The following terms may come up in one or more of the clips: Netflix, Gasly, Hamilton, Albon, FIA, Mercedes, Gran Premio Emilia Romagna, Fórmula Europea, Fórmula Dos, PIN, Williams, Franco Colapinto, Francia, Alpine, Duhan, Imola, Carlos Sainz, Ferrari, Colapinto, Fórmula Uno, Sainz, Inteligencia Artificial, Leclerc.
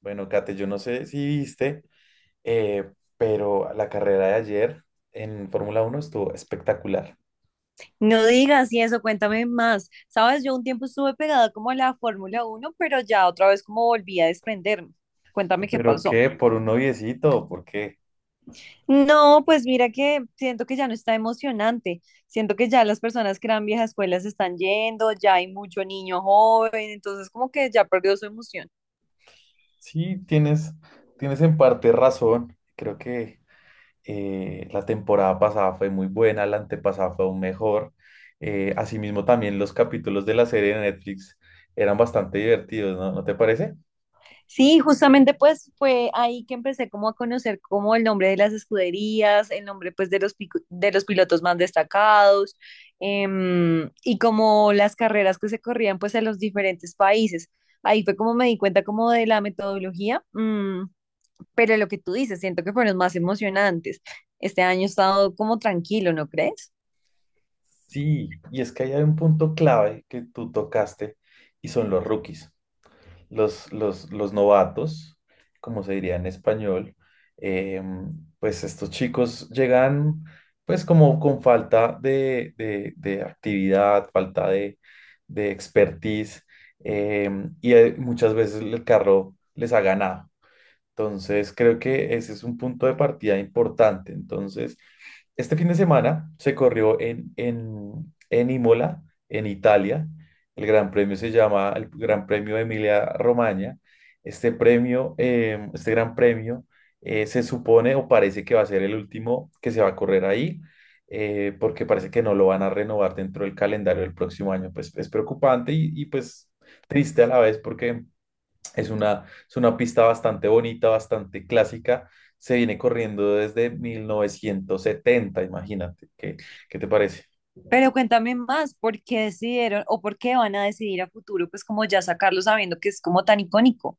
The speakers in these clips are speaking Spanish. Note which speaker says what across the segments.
Speaker 1: Bueno, Kate, yo no sé si viste, eh, pero la carrera de ayer en Fórmula Uno estuvo espectacular.
Speaker 2: No digas y eso, cuéntame más. Sabes, yo un tiempo estuve pegada como a la Fórmula Uno, pero ya otra vez como volví a desprenderme. Cuéntame qué
Speaker 1: ¿Pero
Speaker 2: pasó.
Speaker 1: qué? ¿Por un noviecito? Porque
Speaker 2: No, pues mira que siento que ya no está emocionante. Siento que ya las personas que eran viejas escuelas se están yendo, ya hay mucho niño joven, entonces como que ya perdió su emoción.
Speaker 1: sí, tienes en parte razón. Creo que la temporada pasada fue muy buena, la antepasada fue aún mejor. Asimismo, también los capítulos de la serie de Netflix eran bastante divertidos, ¿no? ¿No te parece?
Speaker 2: Sí, justamente pues fue ahí que empecé como a conocer como el nombre de las escuderías, el nombre pues de los, de los pilotos más destacados, y como las carreras que se corrían pues en los diferentes países. Ahí fue como me di cuenta como de la metodología, pero lo que tú dices, siento que fueron más emocionantes. Este año he estado como tranquilo, ¿no crees?
Speaker 1: Sí, y es que ahí hay un punto clave que tú tocaste y son los rookies. Los novatos, como se diría en español, eh, pues estos chicos llegan pues como con falta de actividad, falta de expertise, eh, y muchas veces el carro les ha ganado. Entonces, creo que ese es un punto de partida importante. Entonces, este fin de semana se corrió en Imola, en Italia. El gran premio se llama el Gran Premio Emilia Romagna. Este premio, este gran premio, se supone o parece que va a ser el último que se va a correr ahí, porque parece que no lo van a renovar dentro del calendario del próximo año. Pues es preocupante y pues triste a la vez porque es una pista bastante bonita, bastante clásica. Se viene corriendo desde 1970, imagínate. ¿Qué, qué te parece?
Speaker 2: Pero cuéntame más, ¿por qué decidieron o por qué van a decidir a futuro, pues como ya sacarlo sabiendo que es como tan icónico?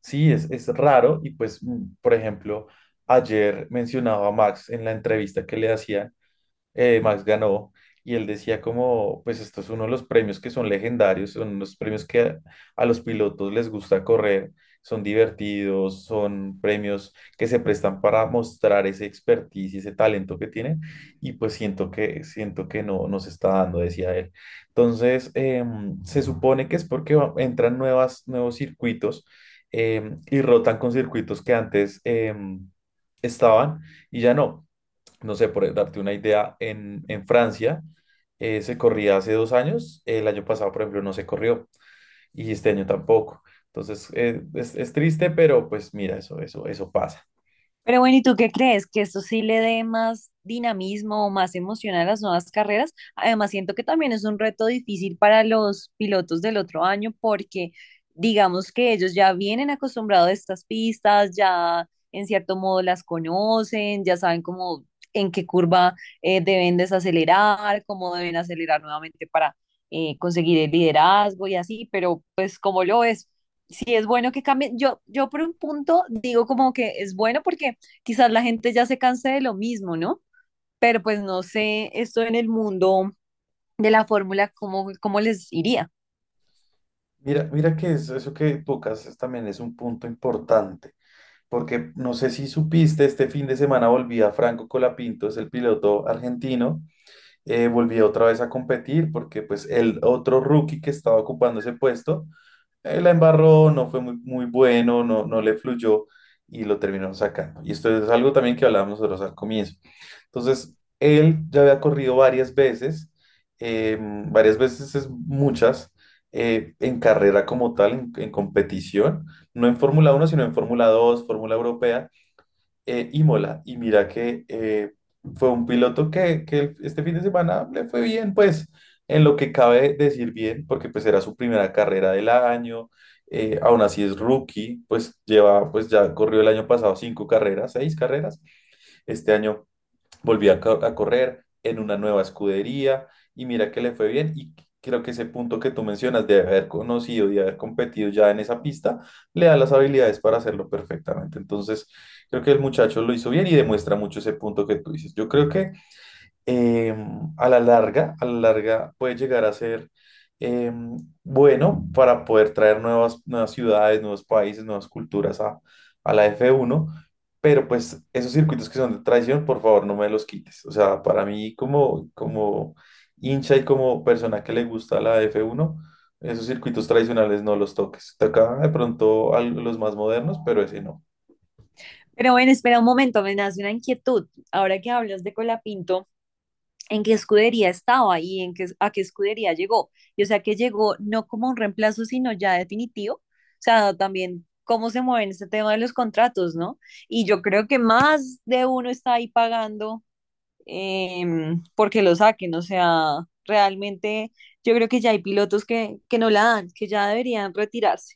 Speaker 1: Sí, es raro y pues, por ejemplo, ayer mencionaba a Max en la entrevista que le hacían Max ganó y él decía como, pues esto es uno de los premios que son legendarios, son los premios que a los pilotos les gusta correr, son divertidos, son premios que se prestan para mostrar ese expertise y ese talento que tienen y pues siento que no, no se está dando, decía él. Entonces, se supone que es porque entran nuevos circuitos y rotan con circuitos que antes... estaban y ya no no sé, por darte una idea, en Francia se corría hace 2 años, el año pasado, por ejemplo, no se corrió y este año tampoco. Entonces, es triste, pero pues mira, eso pasa.
Speaker 2: Pero bueno, ¿y tú qué crees? ¿Que esto sí le dé más dinamismo o más emoción a las nuevas carreras? Además, siento que también es un reto difícil para los pilotos del otro año porque digamos que ellos ya vienen acostumbrados a estas pistas, ya en cierto modo las conocen, ya saben cómo en qué curva deben desacelerar, cómo deben acelerar nuevamente para conseguir el liderazgo y así, pero pues como lo es sí es bueno que cambie. Yo por un punto digo como que es bueno porque quizás la gente ya se canse de lo mismo, ¿no? Pero pues no sé, esto en el mundo de la fórmula, ¿cómo, cómo les iría?
Speaker 1: Mira que eso que tocas también es un punto importante, porque no sé si supiste, este fin de semana volvía Franco Colapinto, es el piloto argentino, volvía otra vez a competir porque pues el otro rookie que estaba ocupando ese puesto la embarró, no fue muy bueno, no le fluyó y lo terminaron sacando. Y esto es algo también que hablábamos nosotros al comienzo. Entonces, él ya había corrido varias veces es muchas, en carrera como tal, en competición, no en Fórmula Uno sino en Fórmula Dos Fórmula Europea, Imola. Y mira que fue un piloto que este fin de semana le fue bien, pues en lo que cabe decir bien, porque pues era su primera carrera del año, aún así es rookie, pues lleva, pues ya corrió el año pasado 5 carreras, 6 carreras, este año volvió a correr en una nueva escudería y mira que le fue bien y creo que ese punto que tú mencionas de haber conocido y haber competido ya en esa pista le da las habilidades para hacerlo perfectamente. Entonces, creo que el muchacho lo hizo bien y demuestra mucho ese punto que tú dices. Yo creo que a la larga puede llegar a ser em, bueno para poder traer nuevas ciudades, nuevos países, nuevas culturas a la f uno pero pues esos circuitos que son de traición, por favor, no me los quites. O sea, para mí como hincha y como persona que le gusta la f uno esos circuitos tradicionales no los toques. Toca de pronto a los más modernos, pero ese no.
Speaker 2: Pero bueno, espera un momento, me nace una inquietud. Ahora que hablas de Colapinto, ¿en qué escudería estaba y en qué, a qué escudería llegó? Y o sea, que llegó no como un reemplazo, sino ya definitivo. O sea, también cómo se mueven este tema de los contratos, ¿no? Y yo creo que más de uno está ahí pagando, porque lo saquen. O sea, realmente yo creo que ya hay pilotos que no la dan, que ya deberían retirarse.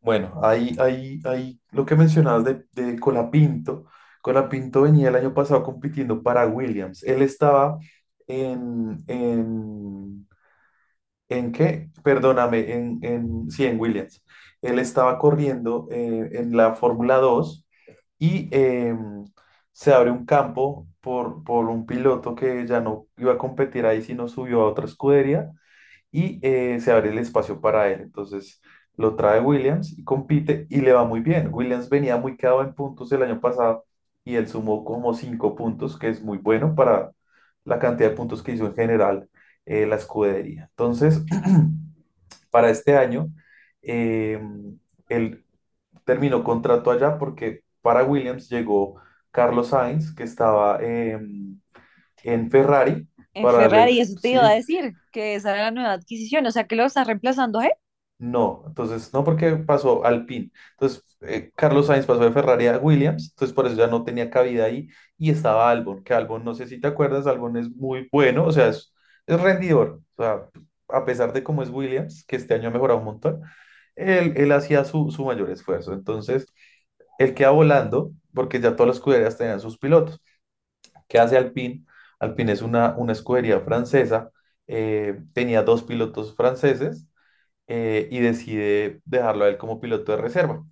Speaker 1: Bueno, ahí lo que mencionabas de Colapinto. Colapinto venía el año pasado compitiendo para Williams. Él estaba en, en, en, qué? Perdóname, sí, en Williams. Él estaba corriendo en la Fórmula 2 y se abre un campo por un piloto que ya no iba a competir ahí, sino subió a otra escudería y se abre el espacio para él. Entonces lo trae Williams y compite y le va muy bien. Williams venía muy quedado en puntos el año pasado y él sumó como cinco puntos, que es muy bueno para la cantidad de puntos que hizo en general la escudería. Entonces, para este año, eh, él terminó contrato allá porque para Williams llegó Carlos Sainz, que estaba en Ferrari,
Speaker 2: En
Speaker 1: para darle el,
Speaker 2: Ferrari, eso te iba a
Speaker 1: sí,
Speaker 2: decir, que esa era la nueva adquisición, o sea, que lo está reemplazando a él.
Speaker 1: no, entonces no porque pasó al PIN. Entonces Carlos Sainz pasó de Ferrari a Williams, entonces por eso ya no tenía cabida ahí y estaba Albon, que Albon no sé si te acuerdas, Albon es muy bueno, o sea, es rendidor, o sea, a pesar de cómo es Williams, que este año ha mejorado un montón, él hacía su mayor esfuerzo. Entonces él queda volando porque ya todas las escuderías tenían sus pilotos. ¿Qué hace Alpine? Alpine es una escudería francesa, tenía dos pilotos franceses y decide dejarlo a él como piloto de reserva.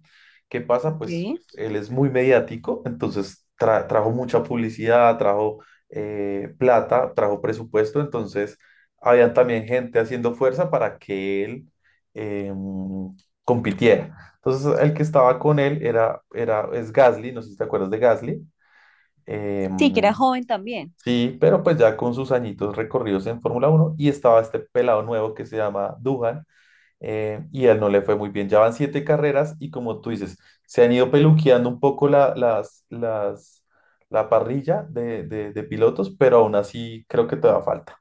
Speaker 1: ¿Qué pasa?
Speaker 2: Ok.
Speaker 1: Pues él es muy mediático, entonces trajo mucha publicidad, trajo plata, trajo presupuesto, entonces había también gente haciendo fuerza para que él em, compitiera. Entonces el que estaba con él es Gasly, no sé si te acuerdas de Gasly.
Speaker 2: Sí, que era
Speaker 1: em,
Speaker 2: joven también.
Speaker 1: Sí, pero pues ya con sus añitos recorridos en Fórmula Uno y estaba este pelado nuevo que se llama Duhan, y a él no le fue muy bien. Ya van 7 carreras y como tú dices, se han ido peluqueando un poco la parrilla de pilotos, pero aún así creo que todavía falta.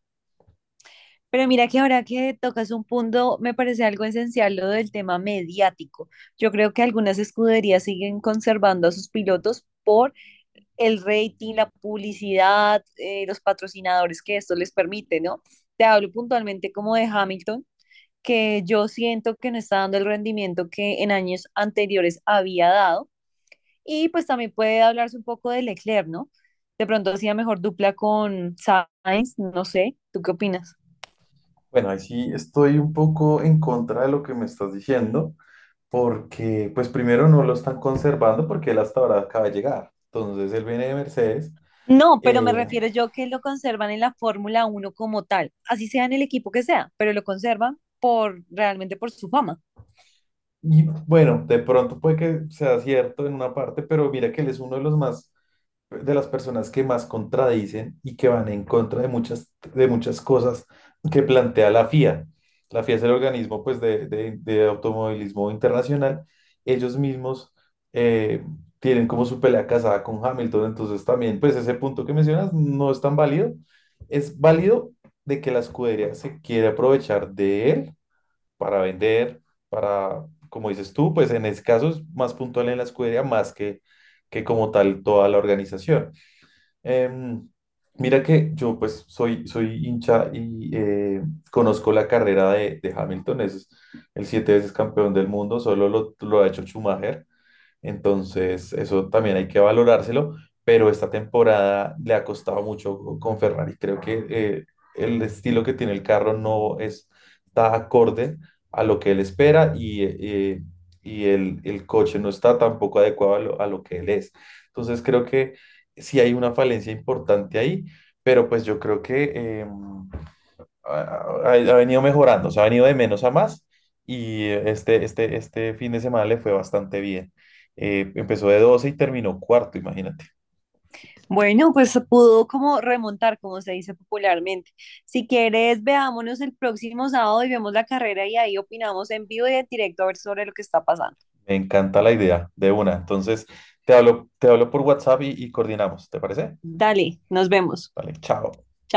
Speaker 2: Pero mira que ahora que tocas un punto, me parece algo esencial lo del tema mediático. Yo creo que algunas escuderías siguen conservando a sus pilotos por el rating, la publicidad, los patrocinadores que esto les permite, ¿no? Te hablo puntualmente como de Hamilton, que yo siento que no está dando el rendimiento que en años anteriores había dado. Y pues también puede hablarse un poco de Leclerc, ¿no? De pronto hacía mejor dupla con Sainz, no sé, ¿tú qué opinas?
Speaker 1: Bueno, ahí sí estoy un poco en contra de lo que me estás diciendo, porque pues primero no lo están conservando porque él hasta ahora acaba de llegar. Entonces él viene de Mercedes.
Speaker 2: No, pero me
Speaker 1: eh,
Speaker 2: refiero yo que lo conservan en la Fórmula Uno como tal, así sea en el equipo que sea, pero lo conservan por realmente por su fama.
Speaker 1: y bueno, de pronto puede que sea cierto en una parte, pero mira que él es uno de los más de las personas que más contradicen y que van en contra de de muchas cosas que plantea la FIA. La FIA es el organismo pues, de automovilismo internacional. Ellos mismos eh, tienen como su pelea casada con Hamilton, entonces también pues ese punto que mencionas no es tan válido. Es válido de que la escudería se quiere aprovechar de él para vender, para, como dices tú, pues en ese caso es más puntual en la escudería más que como tal toda la organización. Em, Mira que yo pues soy hincha y conozco la carrera de Hamilton, es el 7 veces campeón del mundo, solo lo ha hecho Schumacher. Entonces, eso también hay que valorárselo, pero esta temporada le ha costado mucho con Ferrari. Creo que el estilo que tiene el carro no es- está acorde a lo que él espera y el coche no está tampoco adecuado a lo que él es. Entonces, creo que sí hay una falencia importante ahí, pero pues yo creo que... em, ha, ha venido mejorando, o sea, ha venido de menos a más y este fin de semana le fue bastante bien. Empezó de 12 y terminó cuarto, imagínate.
Speaker 2: Bueno, pues se pudo como remontar, como se dice popularmente. Si quieres, veámonos el próximo sábado y vemos la carrera y ahí opinamos en vivo y en directo a ver sobre lo que está pasando.
Speaker 1: Me encanta la idea de una. Entonces, te hablo por WhatsApp y coordinamos, ¿te parece?
Speaker 2: Dale, nos vemos.
Speaker 1: Vale, chao.
Speaker 2: Chao.